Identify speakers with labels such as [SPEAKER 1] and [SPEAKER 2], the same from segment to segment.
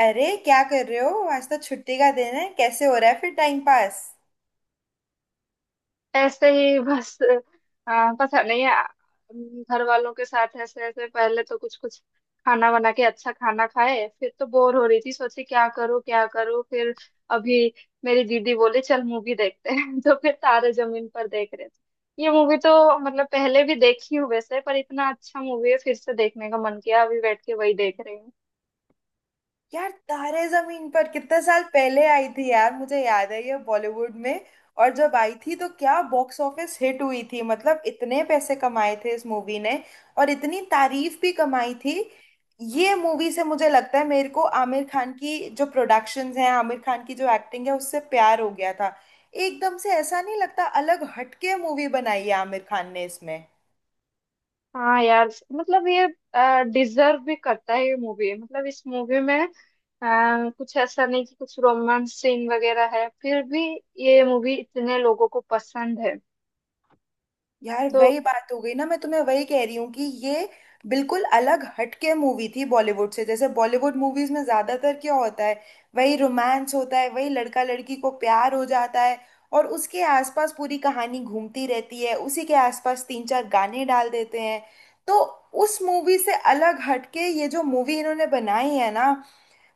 [SPEAKER 1] अरे क्या कर रहे हो? आज तो छुट्टी का दिन है। कैसे हो रहा है फिर टाइम पास?
[SPEAKER 2] ऐसे ही बस। पता नहीं। घर वालों के साथ ऐसे ऐसे पहले तो कुछ कुछ खाना बना के अच्छा खाना खाए। फिर तो बोर हो रही थी, सोची क्या करूँ फिर। अभी मेरी दीदी बोली चल मूवी देखते हैं तो फिर तारे जमीन पर देख रहे थे। ये मूवी तो मतलब पहले भी देखी हूँ वैसे, पर इतना अच्छा मूवी है फिर से देखने का मन किया, अभी बैठ के वही देख रही।
[SPEAKER 1] यार तारे जमीन पर कितने साल पहले आई थी यार, मुझे याद है ये बॉलीवुड में। और जब आई थी तो क्या बॉक्स ऑफिस हिट हुई थी, मतलब इतने पैसे कमाए थे इस मूवी ने। और इतनी तारीफ भी कमाई थी। ये मूवी से मुझे लगता है मेरे को आमिर खान की जो प्रोडक्शंस हैं, आमिर खान की जो एक्टिंग है, उससे प्यार हो गया था। एकदम से ऐसा नहीं लगता, अलग हटके मूवी बनाई है आमिर खान ने इसमें।
[SPEAKER 2] हाँ यार। मतलब ये डिजर्व भी करता है ये मूवी। मतलब इस मूवी में कुछ ऐसा नहीं कि कुछ रोमांस सीन वगैरह है, फिर भी ये मूवी इतने लोगों को पसंद है।
[SPEAKER 1] यार
[SPEAKER 2] तो
[SPEAKER 1] वही बात हो गई ना, मैं तुम्हें वही कह रही हूँ कि ये बिल्कुल अलग हटके मूवी थी बॉलीवुड से। जैसे बॉलीवुड मूवीज में ज्यादातर क्या होता है, वही रोमांस होता है, वही लड़का लड़की को प्यार हो जाता है और उसके आसपास पूरी कहानी घूमती रहती है, उसी के आसपास तीन चार गाने डाल देते हैं। तो उस मूवी से अलग हटके ये जो मूवी इन्होंने बनाई है ना,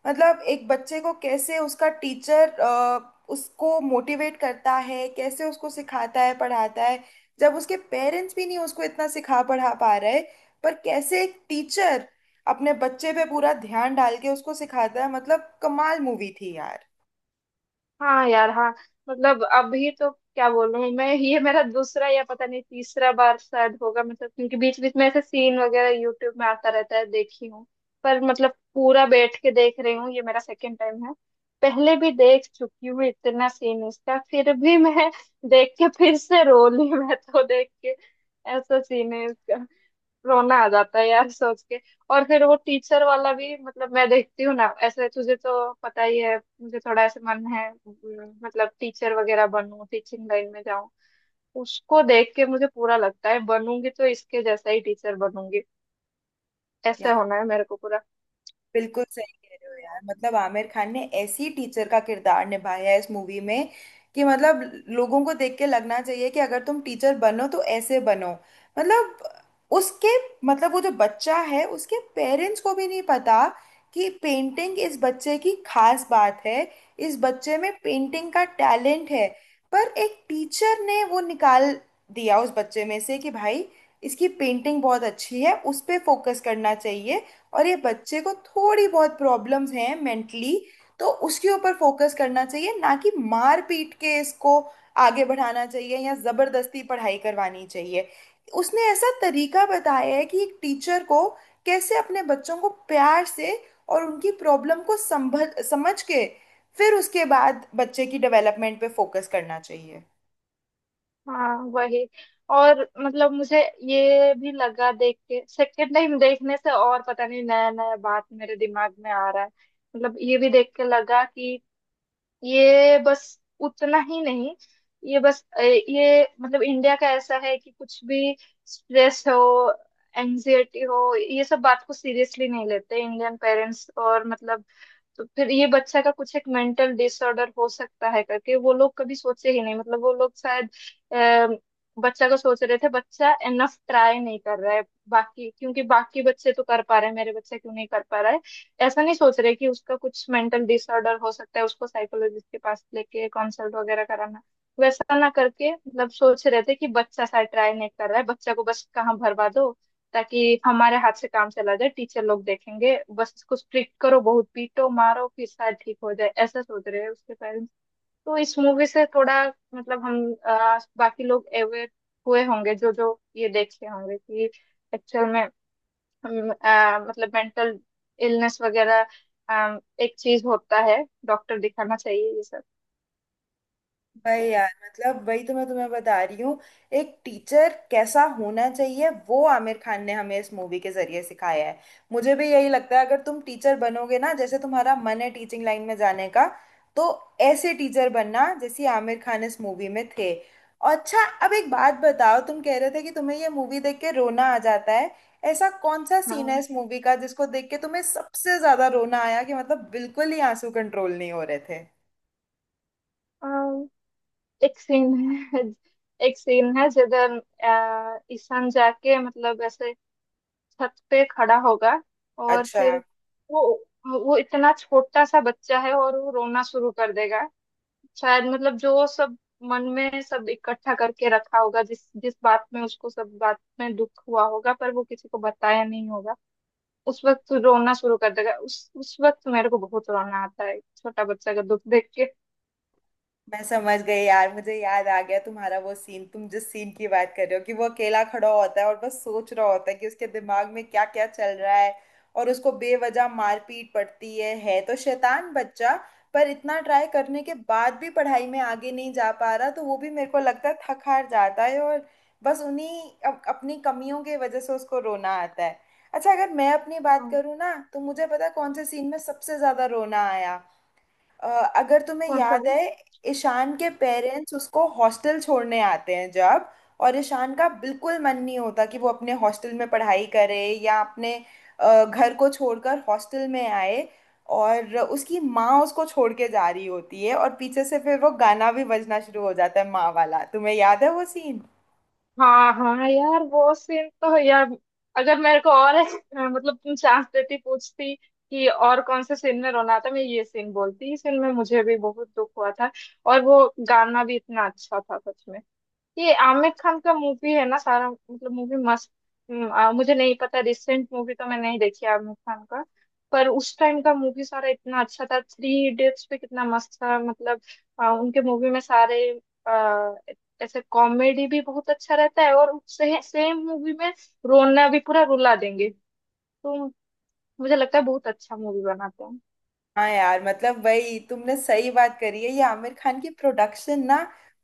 [SPEAKER 1] मतलब एक बच्चे को कैसे उसका टीचर उसको मोटिवेट करता है, कैसे उसको सिखाता है, पढ़ाता है जब उसके पेरेंट्स भी नहीं उसको इतना सिखा पढ़ा पा रहे। पर कैसे एक टीचर अपने बच्चे पे पूरा ध्यान डाल के उसको सिखाता है, मतलब कमाल मूवी थी यार।
[SPEAKER 2] हाँ यार, हाँ। मतलब अभी तो क्या बोलूं मैं, ये मेरा दूसरा या पता नहीं तीसरा बार शायद होगा। मतलब क्योंकि बीच बीच में ऐसे सीन वगैरह यूट्यूब में आता रहता है, देखी हूँ। पर मतलब पूरा बैठ के देख रही हूँ ये मेरा सेकंड टाइम है। पहले भी देख चुकी हूँ इतना सीन इसका, फिर भी मैं देख के फिर से रो ली मैं तो देख के ऐसा सीन है इसका, रोना आ जाता है यार सोच के। और फिर वो टीचर वाला भी, मतलब मैं देखती हूँ ना ऐसे, तुझे तो पता ही है मुझे थोड़ा ऐसे मन है, मतलब टीचर वगैरह बनूं, टीचिंग लाइन में जाऊं। उसको देख के मुझे पूरा लगता है बनूंगी तो इसके जैसा ही टीचर बनूंगी। ऐसे होना है मेरे को पूरा।
[SPEAKER 1] बिल्कुल सही कह रहे हो यार, मतलब आमिर खान ने ऐसी टीचर का किरदार निभाया है इस मूवी में कि मतलब लोगों को देख के लगना चाहिए कि अगर तुम टीचर बनो तो ऐसे बनो। मतलब उसके, मतलब वो जो बच्चा है उसके पेरेंट्स को भी नहीं पता कि पेंटिंग इस बच्चे की खास बात है, इस बच्चे में पेंटिंग का टैलेंट है। पर एक टीचर ने वो निकाल दिया उस बच्चे में से कि भाई, इसकी पेंटिंग बहुत अच्छी है, उस पे फोकस करना चाहिए। और ये बच्चे को थोड़ी बहुत प्रॉब्लम्स हैं मेंटली, तो उसके ऊपर फोकस करना चाहिए, ना कि मार पीट के इसको आगे बढ़ाना चाहिए या जबरदस्ती पढ़ाई करवानी चाहिए। उसने ऐसा तरीका बताया है कि एक टीचर को कैसे अपने बच्चों को प्यार से और उनकी प्रॉब्लम को संभल समझ के फिर उसके बाद बच्चे की डेवलपमेंट पे फोकस करना चाहिए।
[SPEAKER 2] हाँ, वही। और मतलब मुझे ये भी लगा देख के, सेकेंड टाइम देखने से और पता नहीं नया नया बात मेरे दिमाग में आ रहा है। मतलब ये भी देख के लगा कि ये बस उतना ही नहीं, ये बस ये मतलब इंडिया का ऐसा है कि कुछ भी स्ट्रेस हो, एंजाइटी हो, ये सब बात को सीरियसली नहीं लेते इंडियन पेरेंट्स और मतलब। तो फिर ये बच्चा का कुछ एक मेंटल डिसऑर्डर हो सकता है करके वो लोग कभी सोचे ही नहीं। मतलब वो लोग शायद अ, बच्चा को सोच रहे थे बच्चा इनफ ट्राई नहीं कर रहा है। बाकी क्योंकि बाकी बच्चे तो कर पा रहे हैं, मेरे बच्चे क्यों नहीं कर पा रहा है, ऐसा नहीं सोच रहे कि उसका कुछ मेंटल डिसऑर्डर हो सकता है, उसको साइकोलॉजिस्ट के पास लेके कंसल्ट वगैरह कराना। वैसा ना करके मतलब सोच रहे थे कि बच्चा सा ट्राई नहीं कर रहा है, बच्चा को बस कहाँ भरवा दो ताकि हमारे हाथ से काम चला जाए, टीचर लोग देखेंगे, बस इसको स्ट्रिक्ट करो, बहुत पीटो मारो फिर शायद ठीक हो जाए, ऐसा सोच रहे हैं उसके पेरेंट्स। तो इस मूवी से थोड़ा मतलब हम बाकी लोग अवेयर हुए होंगे जो जो ये देखे होंगे कि एक्चुअल में हम, मतलब मेंटल इलनेस वगैरह एक चीज होता है, डॉक्टर दिखाना चाहिए ये सब।
[SPEAKER 1] भाई यार, मतलब वही तो मैं तुम्हें बता रही हूँ, एक टीचर कैसा होना चाहिए वो आमिर खान ने हमें इस मूवी के जरिए सिखाया है। मुझे भी यही लगता है, अगर तुम टीचर बनोगे ना, जैसे तुम्हारा मन है टीचिंग लाइन में जाने का, तो ऐसे टीचर बनना जैसे आमिर खान इस मूवी में थे। और अच्छा, अब एक बात बताओ, तुम कह रहे थे कि तुम्हें ये मूवी देख के रोना आ जाता है। ऐसा कौन सा सीन
[SPEAKER 2] हाँ।
[SPEAKER 1] है इस मूवी का जिसको देख के तुम्हें सबसे ज्यादा रोना आया, कि मतलब बिल्कुल ही आंसू कंट्रोल नहीं हो रहे थे?
[SPEAKER 2] अम, एक सीन है एक सीन है जिधर ईशान जाके मतलब ऐसे छत पे खड़ा होगा और
[SPEAKER 1] अच्छा,
[SPEAKER 2] फिर वो वो इतना छोटा सा बच्चा है और वो रोना शुरू कर देगा। शायद मतलब जो सब मन में सब इकट्ठा करके रखा होगा, जिस जिस बात में उसको सब बात में दुख हुआ होगा पर वो किसी को बताया नहीं होगा, उस वक्त तू रोना शुरू कर देगा। उस वक्त तो मेरे को बहुत रोना आता है छोटा बच्चा का दुख देख के।
[SPEAKER 1] मैं समझ गई यार, मुझे याद आ गया तुम्हारा वो सीन। तुम जिस सीन की बात कर रहे हो कि वो अकेला खड़ा होता है और बस सोच रहा होता है कि उसके दिमाग में क्या क्या चल रहा है, और उसको बेवजह मारपीट पड़ती है तो शैतान बच्चा, पर इतना ट्राई करने के बाद भी पढ़ाई में आगे नहीं जा पा रहा, तो वो भी मेरे को लगता है थक हार जाता है और बस उन्हीं अपनी कमियों की वजह से उसको रोना आता है। अच्छा, अगर मैं अपनी बात
[SPEAKER 2] हाँ।
[SPEAKER 1] करूँ ना, तो मुझे पता है कौन से सीन में सबसे ज्यादा रोना आया। अ, अगर तुम्हें
[SPEAKER 2] कौन सा
[SPEAKER 1] याद
[SPEAKER 2] वो?
[SPEAKER 1] है, ईशान के पेरेंट्स उसको हॉस्टल छोड़ने आते हैं जब, और ईशान का बिल्कुल मन नहीं होता कि वो अपने हॉस्टल में पढ़ाई करे या अपने घर को छोड़कर हॉस्टल में आए, और उसकी माँ उसको छोड़ के जा रही होती है और पीछे से फिर वो गाना भी बजना शुरू हो जाता है माँ वाला, तुम्हें याद है वो सीन?
[SPEAKER 2] हाँ हाँ यार, वो सीन तो है यार। अगर मेरे को और मतलब तुम चांस देती पूछती कि और कौन से सीन में रोना था, मैं ये सीन बोलती। इस सीन में मुझे भी बहुत दुख हुआ था। और वो गाना भी इतना अच्छा था सच में। ये आमिर खान का मूवी है ना, सारा मतलब मूवी मस्त। मुझे नहीं पता, रिसेंट मूवी तो मैं नहीं देखी आमिर खान का। पर उस टाइम का मूवी सारा इतना अच्छा था, थ्री इडियट्स पे कितना मस्त था मतलब। उनके मूवी में सारे आ, ऐसे कॉमेडी भी बहुत अच्छा रहता है और सेम मूवी में रोना भी पूरा रुला देंगे। तो मुझे लगता है बहुत अच्छा मूवी बनाते हैं।
[SPEAKER 1] हाँ यार, मतलब वही तुमने सही बात करी है, ये आमिर खान की प्रोडक्शन ना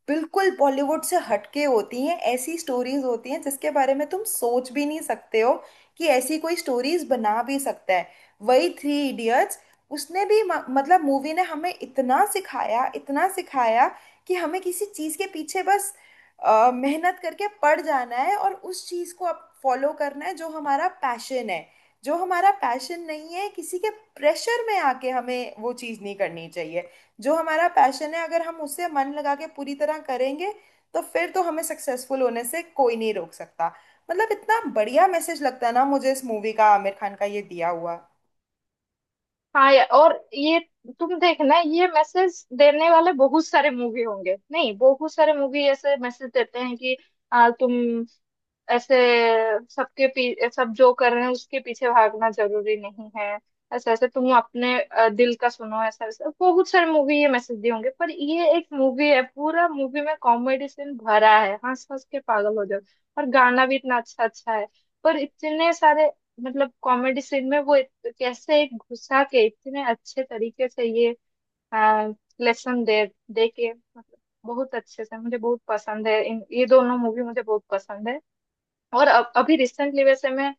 [SPEAKER 1] बिल्कुल बॉलीवुड से हटके होती हैं। ऐसी स्टोरीज होती हैं जिसके बारे में तुम सोच भी नहीं सकते हो कि ऐसी कोई स्टोरीज बना भी सकता है। वही थ्री इडियट्स, उसने भी मतलब मूवी ने हमें इतना सिखाया, इतना सिखाया कि हमें किसी चीज के पीछे बस मेहनत करके पड़ जाना है और उस चीज को अब फॉलो करना है जो हमारा पैशन है। जो हमारा पैशन नहीं है, किसी के प्रेशर में आके हमें वो चीज़ नहीं करनी चाहिए। जो हमारा पैशन है, अगर हम उसे मन लगा के पूरी तरह करेंगे तो फिर तो हमें सक्सेसफुल होने से कोई नहीं रोक सकता। मतलब इतना बढ़िया मैसेज लगता है ना मुझे इस मूवी का, आमिर खान का ये दिया हुआ।
[SPEAKER 2] हाँ और ये, तुम देखना ये मैसेज देने वाले बहुत सारे मूवी होंगे, नहीं बहुत सारे मूवी ऐसे मैसेज देते हैं कि तुम ऐसे, सबके पी सब जो कर रहे हैं उसके पीछे भागना जरूरी नहीं है, ऐसे ऐसे तुम अपने दिल का सुनो, ऐसा ऐसा बहुत सारी मूवी ये मैसेज दिए होंगे। पर ये एक मूवी है पूरा मूवी में कॉमेडी सीन भरा है, हंस हंस के पागल हो जाओ। और गाना भी इतना अच्छा अच्छा है। पर इतने सारे मतलब कॉमेडी सीन में वो कैसे एक घुसा के इतने अच्छे तरीके से ये लेसन दे दे के मतलब बहुत अच्छे से। मुझे बहुत पसंद है इन, ये दोनों मूवी मुझे बहुत पसंद है। और अब अभी रिसेंटली वैसे मैं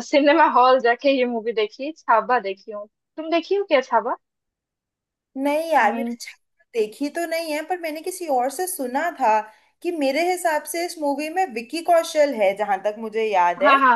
[SPEAKER 2] सिनेमा हॉल जाके ये मूवी देखी, छावा देखी हूँ। तुम देखी हो क्या छावा?
[SPEAKER 1] नहीं यार, मैंने
[SPEAKER 2] हम्म।
[SPEAKER 1] छावा देखी तो नहीं है, पर मैंने किसी और से सुना था कि मेरे हिसाब से इस मूवी में विकी कौशल है, जहां तक मुझे याद है।
[SPEAKER 2] हाँ हाँ।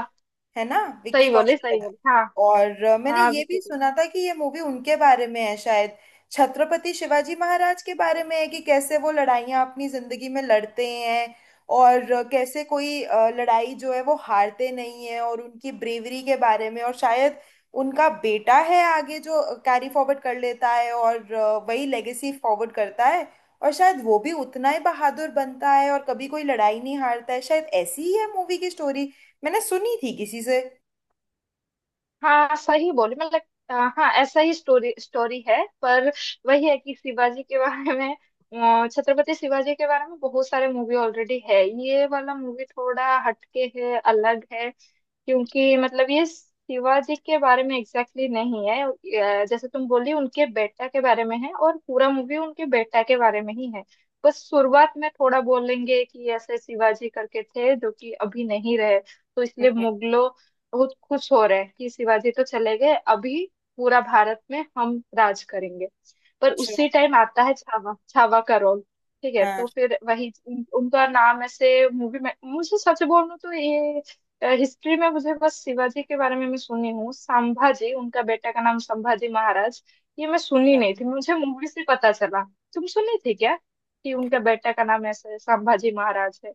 [SPEAKER 1] है ना, विक्की
[SPEAKER 2] सही बोले
[SPEAKER 1] कौशल
[SPEAKER 2] सही
[SPEAKER 1] है।
[SPEAKER 2] बोले, हाँ।
[SPEAKER 1] और मैंने
[SPEAKER 2] हाँ,
[SPEAKER 1] ये
[SPEAKER 2] विकी
[SPEAKER 1] भी
[SPEAKER 2] को।
[SPEAKER 1] सुना था कि ये मूवी उनके बारे में है, शायद छत्रपति शिवाजी महाराज के बारे में है कि कैसे वो लड़ाइयाँ अपनी जिंदगी में लड़ते हैं, और कैसे कोई लड़ाई जो है वो हारते नहीं है और उनकी ब्रेवरी के बारे में। और शायद उनका बेटा है आगे जो कैरी फॉरवर्ड कर लेता है और वही लेगेसी फॉरवर्ड करता है, और शायद वो भी उतना ही बहादुर बनता है और कभी कोई लड़ाई नहीं हारता है, शायद ऐसी ही है मूवी की स्टोरी, मैंने सुनी थी किसी से।
[SPEAKER 2] हाँ सही बोले, मतलब अ, हाँ ऐसा ही स्टोरी स्टोरी है, पर वही है कि शिवाजी के बारे में, छत्रपति शिवाजी के बारे में बहुत सारे मूवी ऑलरेडी है, ये वाला मूवी थोड़ा हटके है, अलग है। क्योंकि मतलब ये शिवाजी के बारे में एग्जैक्टली exactly नहीं है। जैसे तुम बोली उनके बेटा के बारे में है, और पूरा मूवी उनके बेटा के बारे में ही है। बस शुरुआत में थोड़ा बोलेंगे कि ऐसे शिवाजी करके थे जो कि अभी नहीं रहे, तो इसलिए
[SPEAKER 1] हम्म।
[SPEAKER 2] मुगलों बहुत खुश हो रहे हैं कि शिवाजी तो चले गए अभी, पूरा भारत में हम राज करेंगे। पर
[SPEAKER 1] अच्छा।
[SPEAKER 2] उसी टाइम आता है छावा, छावा का रोल। ठीक है।
[SPEAKER 1] हाँ।
[SPEAKER 2] तो फिर वही उनका नाम ऐसे मूवी में, मुझे सच बोलूं तो ये हिस्ट्री में मुझे बस शिवाजी के बारे में मैं सुनी हूँ, संभाजी उनका बेटा का नाम, संभाजी महाराज, ये मैं सुनी
[SPEAKER 1] अच्छा।
[SPEAKER 2] नहीं थी, मुझे मूवी से पता चला। तुम सुनी थी क्या कि उनका बेटा का नाम ऐसे संभाजी महाराज है?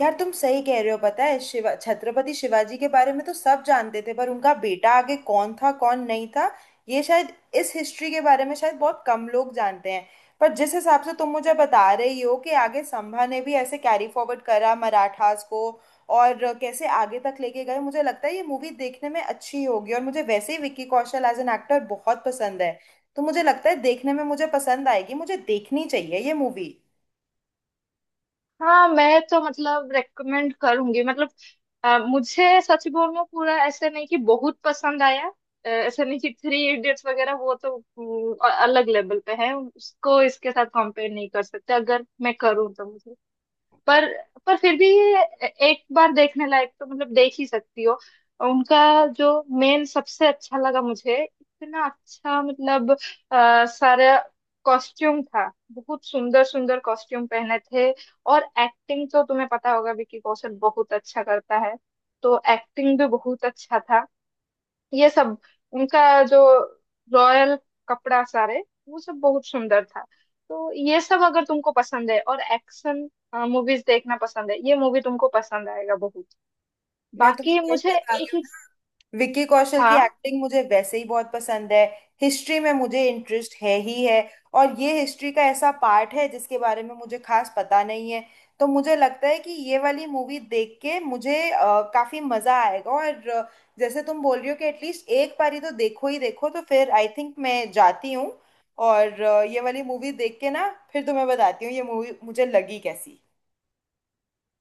[SPEAKER 1] यार तुम सही कह रहे हो, पता है शिवा छत्रपति शिवाजी के बारे में तो सब जानते थे पर उनका बेटा आगे कौन था कौन नहीं था, ये शायद इस हिस्ट्री के बारे में शायद बहुत कम लोग जानते हैं। पर जिस हिसाब से तुम मुझे बता रही हो कि आगे संभा ने भी ऐसे कैरी फॉरवर्ड करा मराठास को और कैसे आगे तक लेके गए, मुझे लगता है ये मूवी देखने में अच्छी होगी। और मुझे वैसे ही Vicky Kaushal as an actor बहुत पसंद है, तो मुझे लगता है देखने में मुझे पसंद आएगी, मुझे देखनी चाहिए ये मूवी।
[SPEAKER 2] हाँ मैं तो मतलब रेकमेंड करूंगी। मतलब मुझे सच बोलूं पूरा ऐसे नहीं कि बहुत पसंद आया। ऐसे नहीं कि थ्री इडियट्स वगैरह, वो तो अलग लेवल पे है, उसको इसके साथ कंपेयर नहीं कर सकते अगर मैं करूँ तो। पर पर फिर भी ये एक बार देखने लायक तो मतलब देख ही सकती हो। उनका जो मेन सबसे अच्छा लगा मुझे इतना अच्छा, मतलब सारा कॉस्ट्यूम था, बहुत सुंदर सुंदर कॉस्ट्यूम पहने थे। और एक्टिंग तो तुम्हें पता होगा विकी कौशल बहुत अच्छा करता है, तो एक्टिंग भी बहुत अच्छा था। ये सब उनका जो रॉयल कपड़ा सारे, वो सब बहुत सुंदर था। तो ये सब अगर तुमको पसंद है और एक्शन मूवीज देखना पसंद है, ये मूवी तुमको पसंद आएगा बहुत।
[SPEAKER 1] मैं तुम्हें
[SPEAKER 2] बाकी
[SPEAKER 1] वही
[SPEAKER 2] मुझे
[SPEAKER 1] बता
[SPEAKER 2] एक
[SPEAKER 1] रही
[SPEAKER 2] ही।
[SPEAKER 1] हूँ, विक्की कौशल की
[SPEAKER 2] हाँ।
[SPEAKER 1] एक्टिंग मुझे वैसे ही बहुत पसंद है। हिस्ट्री में मुझे इंटरेस्ट है ही है, और ये हिस्ट्री का ऐसा पार्ट है जिसके बारे में मुझे खास पता नहीं है। तो मुझे लगता है कि ये वाली मूवी देख के मुझे काफी मजा आएगा। और जैसे तुम बोल रही हो कि एटलीस्ट एक बारी तो देखो ही देखो, तो फिर आई थिंक मैं जाती हूँ। और ये वाली मूवी देख के ना फिर तुम्हें बताती हूँ ये मूवी मुझे लगी कैसी।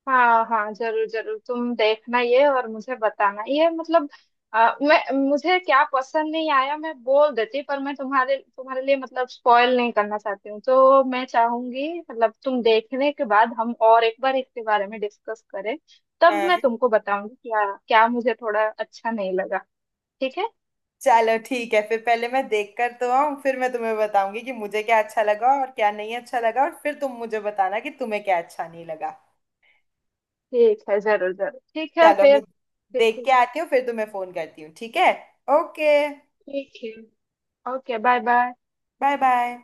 [SPEAKER 2] हाँ हाँ जरूर जरूर, तुम देखना ये और मुझे बताना ये। मतलब मैं, मुझे क्या पसंद नहीं आया मैं बोल देती, पर मैं तुम्हारे तुम्हारे लिए मतलब स्पॉइल नहीं करना चाहती हूँ। तो मैं चाहूंगी मतलब तुम देखने के बाद हम और एक बार इसके बारे में डिस्कस करें। तब मैं
[SPEAKER 1] हाँ।
[SPEAKER 2] तुमको बताऊंगी क्या क्या मुझे थोड़ा अच्छा नहीं लगा। ठीक है।
[SPEAKER 1] चलो ठीक है फिर, पहले मैं देख कर तो आऊं, फिर मैं तुम्हें बताऊंगी कि मुझे क्या अच्छा लगा और क्या नहीं अच्छा लगा, और फिर तुम मुझे बताना कि तुम्हें क्या अच्छा नहीं लगा।
[SPEAKER 2] ठीक है जरूर जरूर ठीक है
[SPEAKER 1] चलो
[SPEAKER 2] फिर।
[SPEAKER 1] मैं
[SPEAKER 2] फिर
[SPEAKER 1] देख
[SPEAKER 2] फिर-
[SPEAKER 1] के आती हूँ, फिर तुम्हें फोन करती हूँ, ठीक है? ओके।
[SPEAKER 2] ठीक है। Okay, bye bye.
[SPEAKER 1] Bye bye.